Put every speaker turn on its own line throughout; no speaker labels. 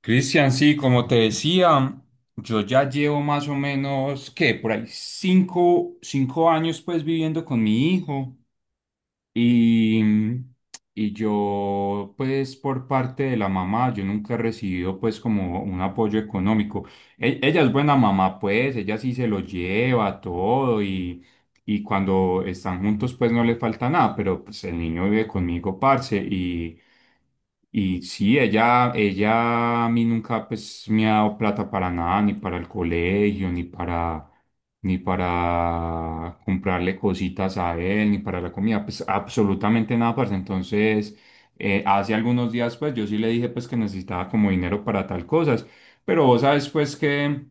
Cristian, sí, como te decía, yo ya llevo más o menos, ¿qué? Por ahí cinco años pues viviendo con mi hijo y, y yo pues por parte de la mamá, yo nunca he recibido pues como un apoyo económico. Ella es buena mamá pues, ella sí se lo lleva todo y cuando están juntos pues no le falta nada, pero pues el niño vive conmigo, parce, y... Y sí, ella a mí nunca pues me ha dado plata para nada, ni para el colegio, ni para comprarle cositas a él, ni para la comida, pues absolutamente nada, parce. Entonces, hace algunos días pues yo sí le dije pues que necesitaba como dinero para tal cosas, pero vos sabes pues que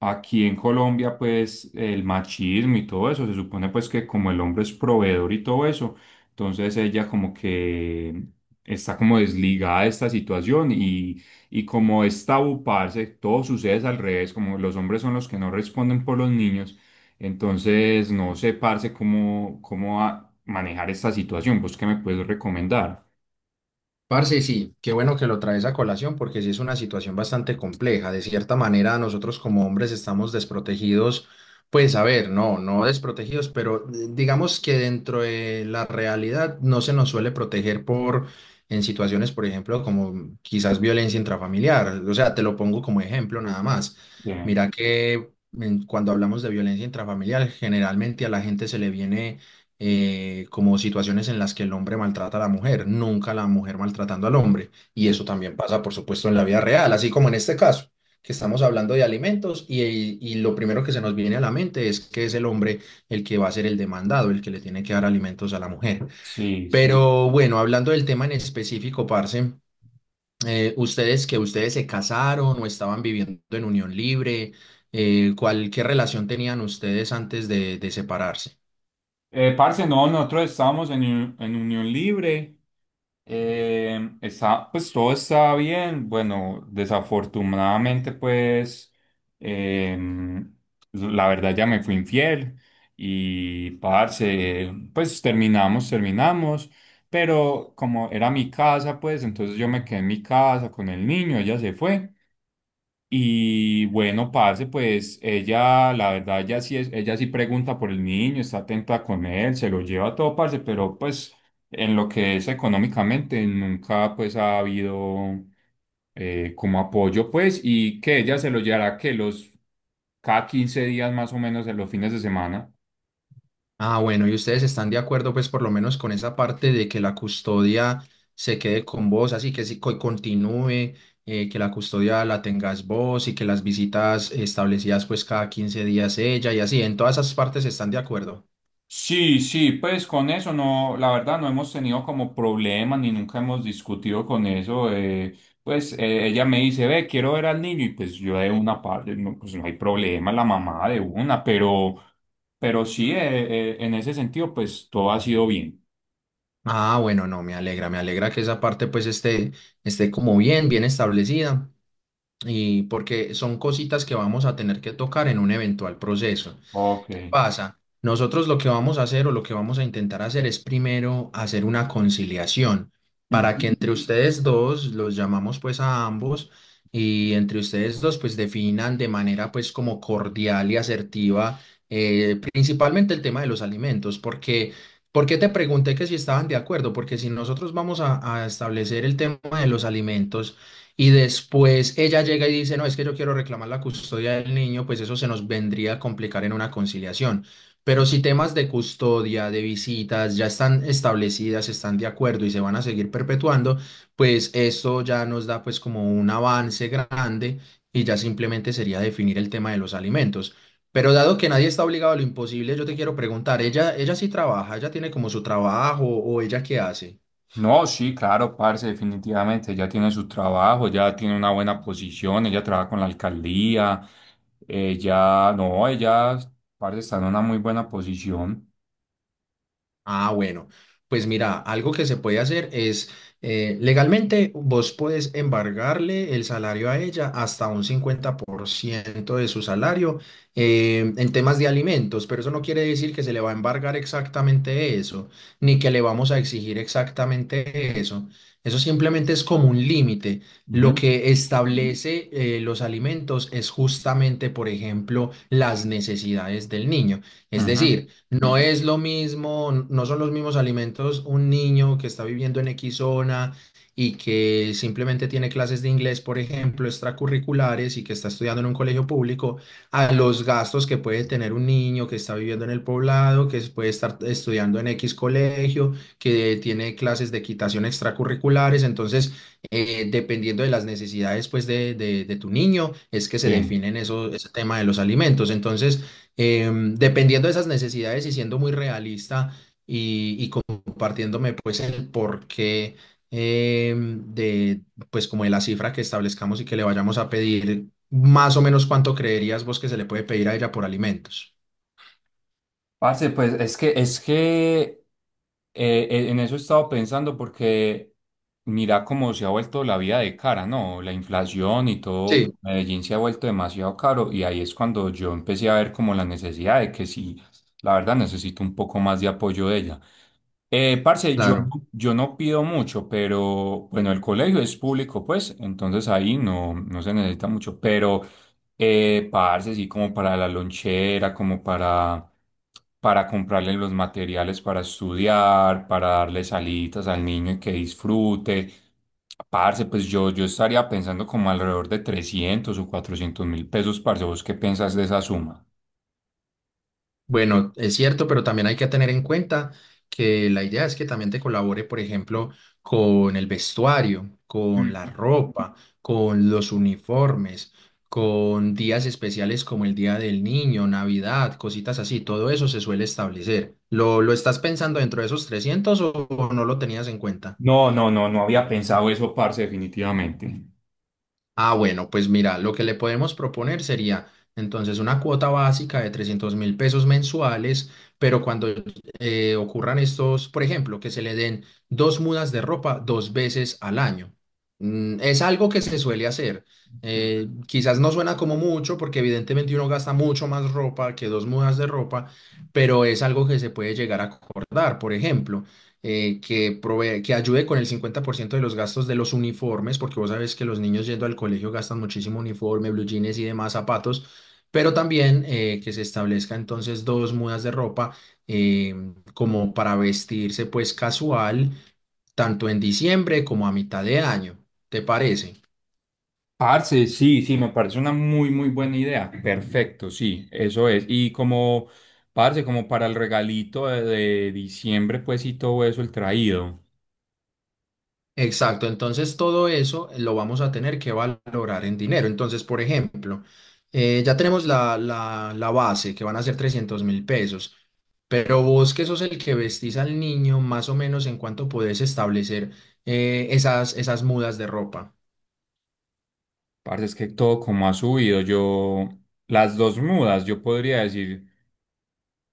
aquí en Colombia, pues el machismo y todo eso, se supone pues que como el hombre es proveedor y todo eso, entonces ella como que está como desligada de esta situación y como es tabú, parce, todo sucede al revés, como los hombres son los que no responden por los niños, entonces no sé, parce, manejar esta situación. ¿Vos qué me puedes recomendar?
Parce, sí, qué bueno que lo traes a colación porque sí es una situación bastante compleja. De cierta manera, nosotros como hombres estamos desprotegidos, pues a ver, no desprotegidos, pero digamos que dentro de la realidad no se nos suele proteger por en situaciones, por ejemplo, como quizás violencia intrafamiliar. O sea, te lo pongo como ejemplo nada más.
Bien.
Mira que cuando hablamos de violencia intrafamiliar, generalmente a la gente se le viene como situaciones en las que el hombre maltrata a la mujer, nunca la mujer maltratando al hombre. Y eso también pasa, por supuesto, en la vida real, así como en este caso, que estamos hablando de alimentos y lo primero que se nos viene a la mente es que es el hombre el que va a ser el demandado, el que le tiene que dar alimentos a la mujer.
Sí, sí.
Pero bueno, hablando del tema en específico, parce, ustedes se casaron o estaban viviendo en unión libre. ¿Qué relación tenían ustedes antes de separarse?
Parce, no, nosotros estábamos en, en Unión Libre. Pues todo está bien. Bueno, desafortunadamente, pues em, la verdad ya me fui infiel y parce, pues terminamos, terminamos. Pero como era mi casa, pues entonces yo me quedé en mi casa con el niño, ella se fue. Y bueno, parce, pues ella, la verdad, ella sí pregunta por el niño, está atenta con él, se lo lleva todo, parce, pero pues en lo que es económicamente, nunca pues ha habido como apoyo, pues, y que ella se lo llevará que los cada 15 días más o menos en los fines de semana.
Ah, bueno, ¿y ustedes están de acuerdo, pues, por lo menos con esa parte de que la custodia se quede con vos, así que sí, continúe, que la custodia la tengas vos y que las visitas establecidas, pues, cada 15 días ella y así, en todas esas partes están de acuerdo?
Sí, sí, pues con eso no, la verdad no hemos tenido como problemas ni nunca hemos discutido con eso. Ella me dice, ve, quiero ver al niño y pues yo de una parte, no, pues no hay problema, la mamá de una, pero sí, en ese sentido pues todo ha sido bien.
Ah, bueno, no, me alegra que esa parte, pues, esté como bien, bien establecida y porque son cositas que vamos a tener que tocar en un eventual proceso.
Ok.
¿Qué pasa? Nosotros lo que vamos a hacer o lo que vamos a intentar hacer es primero hacer una conciliación para
Ujú.
que entre ustedes dos los llamamos pues a ambos, y entre ustedes dos pues definan de manera pues como cordial y asertiva principalmente el tema de los alimentos porque ¿por qué te pregunté que si estaban de acuerdo? Porque si nosotros vamos a establecer el tema de los alimentos y después ella llega y dice, no, es que yo quiero reclamar la custodia del niño, pues eso se nos vendría a complicar en una conciliación. Pero si temas de custodia, de visitas, ya están establecidas, están de acuerdo y se van a seguir perpetuando, pues esto ya nos da pues como un avance grande y ya simplemente sería definir el tema de los alimentos. Pero dado que nadie está obligado a lo imposible, yo te quiero preguntar, ¿ella sí trabaja? ¿Ella tiene como su trabajo o ella qué hace?
No, sí, claro, parce, definitivamente, ella tiene su trabajo, ya tiene una buena posición, ella trabaja con la alcaldía, ella, no, ella, parce, está en una muy buena posición.
Ah, bueno, pues mira, algo que se puede hacer es legalmente vos podés embargarle el salario a ella hasta un 50% de su salario en temas de alimentos, pero eso no quiere decir que se le va a embargar exactamente eso, ni que le vamos a exigir exactamente eso. Eso simplemente es como un límite. Lo
Ujú,
que establece los alimentos es justamente, por ejemplo, las necesidades del niño. Es
ujú.
decir, no es lo mismo, no son los mismos alimentos un niño que está viviendo en X zona y que simplemente tiene clases de inglés, por ejemplo, extracurriculares y que está estudiando en un colegio público, a los gastos que puede tener un niño que está viviendo en el poblado, que puede estar estudiando en X colegio, que tiene clases de equitación extracurriculares. Entonces, dependiendo de las necesidades pues, de tu niño, es que se
Sí.
definen eso, ese tema de los alimentos. Entonces, dependiendo de esas necesidades y siendo muy realista y compartiéndome pues el porqué, em, de pues como de la cifra que establezcamos y que le vayamos a pedir, más o menos cuánto creerías vos que se le puede pedir a ella por alimentos.
Parce, pues es que en eso he estado pensando porque mira cómo se ha vuelto la vida de cara, ¿no? La inflación y todo,
Sí,
Medellín se ha vuelto demasiado caro y ahí es cuando yo empecé a ver como la necesidad de que sí, la verdad necesito un poco más de apoyo de ella. Parce,
claro.
yo no pido mucho, pero bueno, el colegio es público, pues, entonces ahí no se necesita mucho, pero... Parce, sí, como para la lonchera, para comprarle los materiales para estudiar, para darle salitas al niño y que disfrute. Parce, yo estaría pensando como alrededor de 300.000 o 400.000 pesos, parce. ¿Vos qué pensás de esa suma?
Bueno, es cierto, pero también hay que tener en cuenta que la idea es que también te colabore, por ejemplo, con el vestuario, con la
Mm.
ropa, con los uniformes, con días especiales como el Día del Niño, Navidad, cositas así. Todo eso se suele establecer. ¿Lo estás pensando dentro de esos 300 o no lo tenías en cuenta?
No, no, no, no había pensado eso, parce, definitivamente.
Ah, bueno, pues mira, lo que le podemos proponer sería entonces una cuota básica de 300.000 pesos mensuales, pero cuando ocurran estos, por ejemplo, que se le den dos mudas de ropa dos veces al año. Mm, es algo que se suele hacer. Quizás no suena como mucho, porque evidentemente uno gasta mucho más ropa que dos mudas de ropa, pero es algo que se puede llegar a acordar. Por ejemplo, que ayude con el 50% de los gastos de los uniformes, porque vos sabés que los niños yendo al colegio gastan muchísimo uniforme, blue jeans y demás zapatos, pero también que se establezca entonces dos mudas de ropa eh, como para vestirse pues casual, tanto en diciembre como a mitad de año. ¿Te parece?
Parce, sí, sí, me parece una muy, muy buena idea. Perfecto, sí, eso es. Parce, como para el regalito de diciembre, pues y todo eso, el traído.
Exacto, entonces todo eso lo vamos a tener que valorar en dinero. Entonces, por ejemplo, ya tenemos la base que van a ser 300.000 pesos, pero vos que sos el que vestís al niño, más o menos en cuánto podés establecer esas mudas de ropa.
Parce, es que todo como ha subido. Yo, las dos mudas, yo podría decir,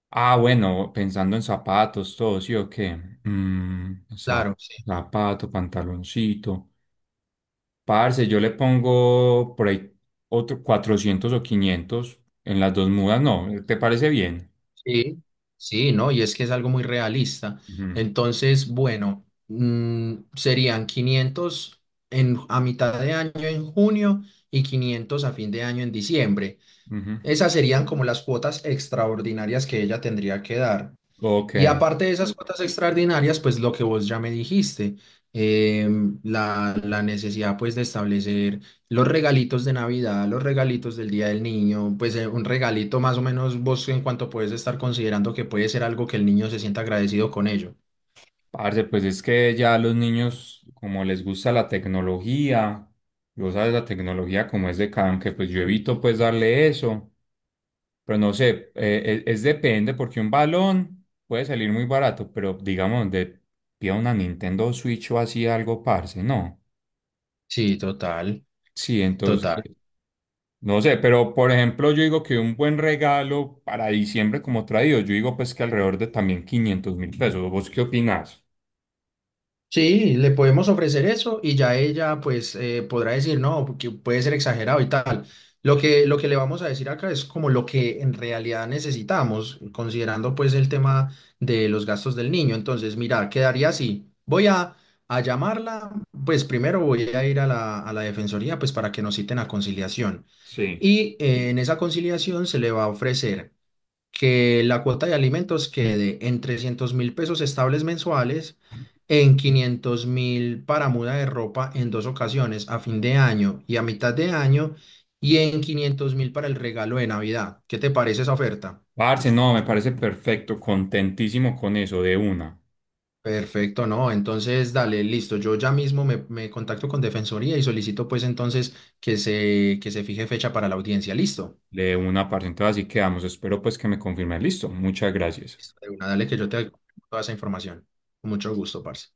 ah, bueno, pensando en zapatos, todo, ¿sí o qué? Mm,
Claro, sí,
zapato, pantaloncito. Parce, yo le pongo por ahí otro 400 o 500 en las dos mudas, no, ¿te parece bien?
sí, sí, ¿no? Y es que es algo muy realista.
Ujú.
Entonces, bueno, serían 500 en, a mitad de año en junio y 500 a fin de año en diciembre.
Ujú.
Esas serían como las cuotas extraordinarias que ella tendría que dar.
Ok,
Y aparte de esas cuotas extraordinarias, pues lo que vos ya me dijiste, la necesidad pues de establecer los regalitos de Navidad, los regalitos del Día del Niño, pues un regalito más o menos vos en cuanto puedes estar considerando que puede ser algo que el niño se sienta agradecido con ello.
parce, pues es que ya los niños, como les gusta la tecnología, y vos sabes la tecnología como es de cada, aunque pues yo evito pues darle eso, pero no sé, es depende, porque un balón puede salir muy barato, pero digamos, donde pida una Nintendo Switch o así algo, parce, no.
Sí, total,
Sí, entonces,
total.
no sé, pero por ejemplo, yo digo que un buen regalo para diciembre como traído, yo digo pues que alrededor de también 500.000 pesos. ¿Vos qué opinás?
Sí, le podemos ofrecer eso y ya ella pues podrá decir, no, porque puede ser exagerado y tal. Lo que le vamos a decir acá es como lo que en realidad necesitamos, considerando pues el tema de los gastos del niño. Entonces, mira, quedaría así. Voy a llamarla, pues primero voy a ir a la defensoría pues para que nos citen a conciliación.
Sí.
Y en esa conciliación se le va a ofrecer que la cuota de alimentos quede en 300.000 pesos estables mensuales, en 500.000 para muda de ropa en dos ocasiones, a fin de año y a mitad de año, y en 500.000 para el regalo de Navidad. ¿Qué te parece esa oferta?
Parce, no, me parece perfecto, contentísimo con eso,
Perfecto, no. Entonces, dale, listo. Yo ya mismo me contacto con Defensoría y solicito pues entonces que se fije fecha para la audiencia. Listo.
de una, parce. Entonces así quedamos. Espero pues que me confirme. Listo, muchas gracias.
Listo, de una, dale que yo te doy toda esa información. Con mucho gusto, parce.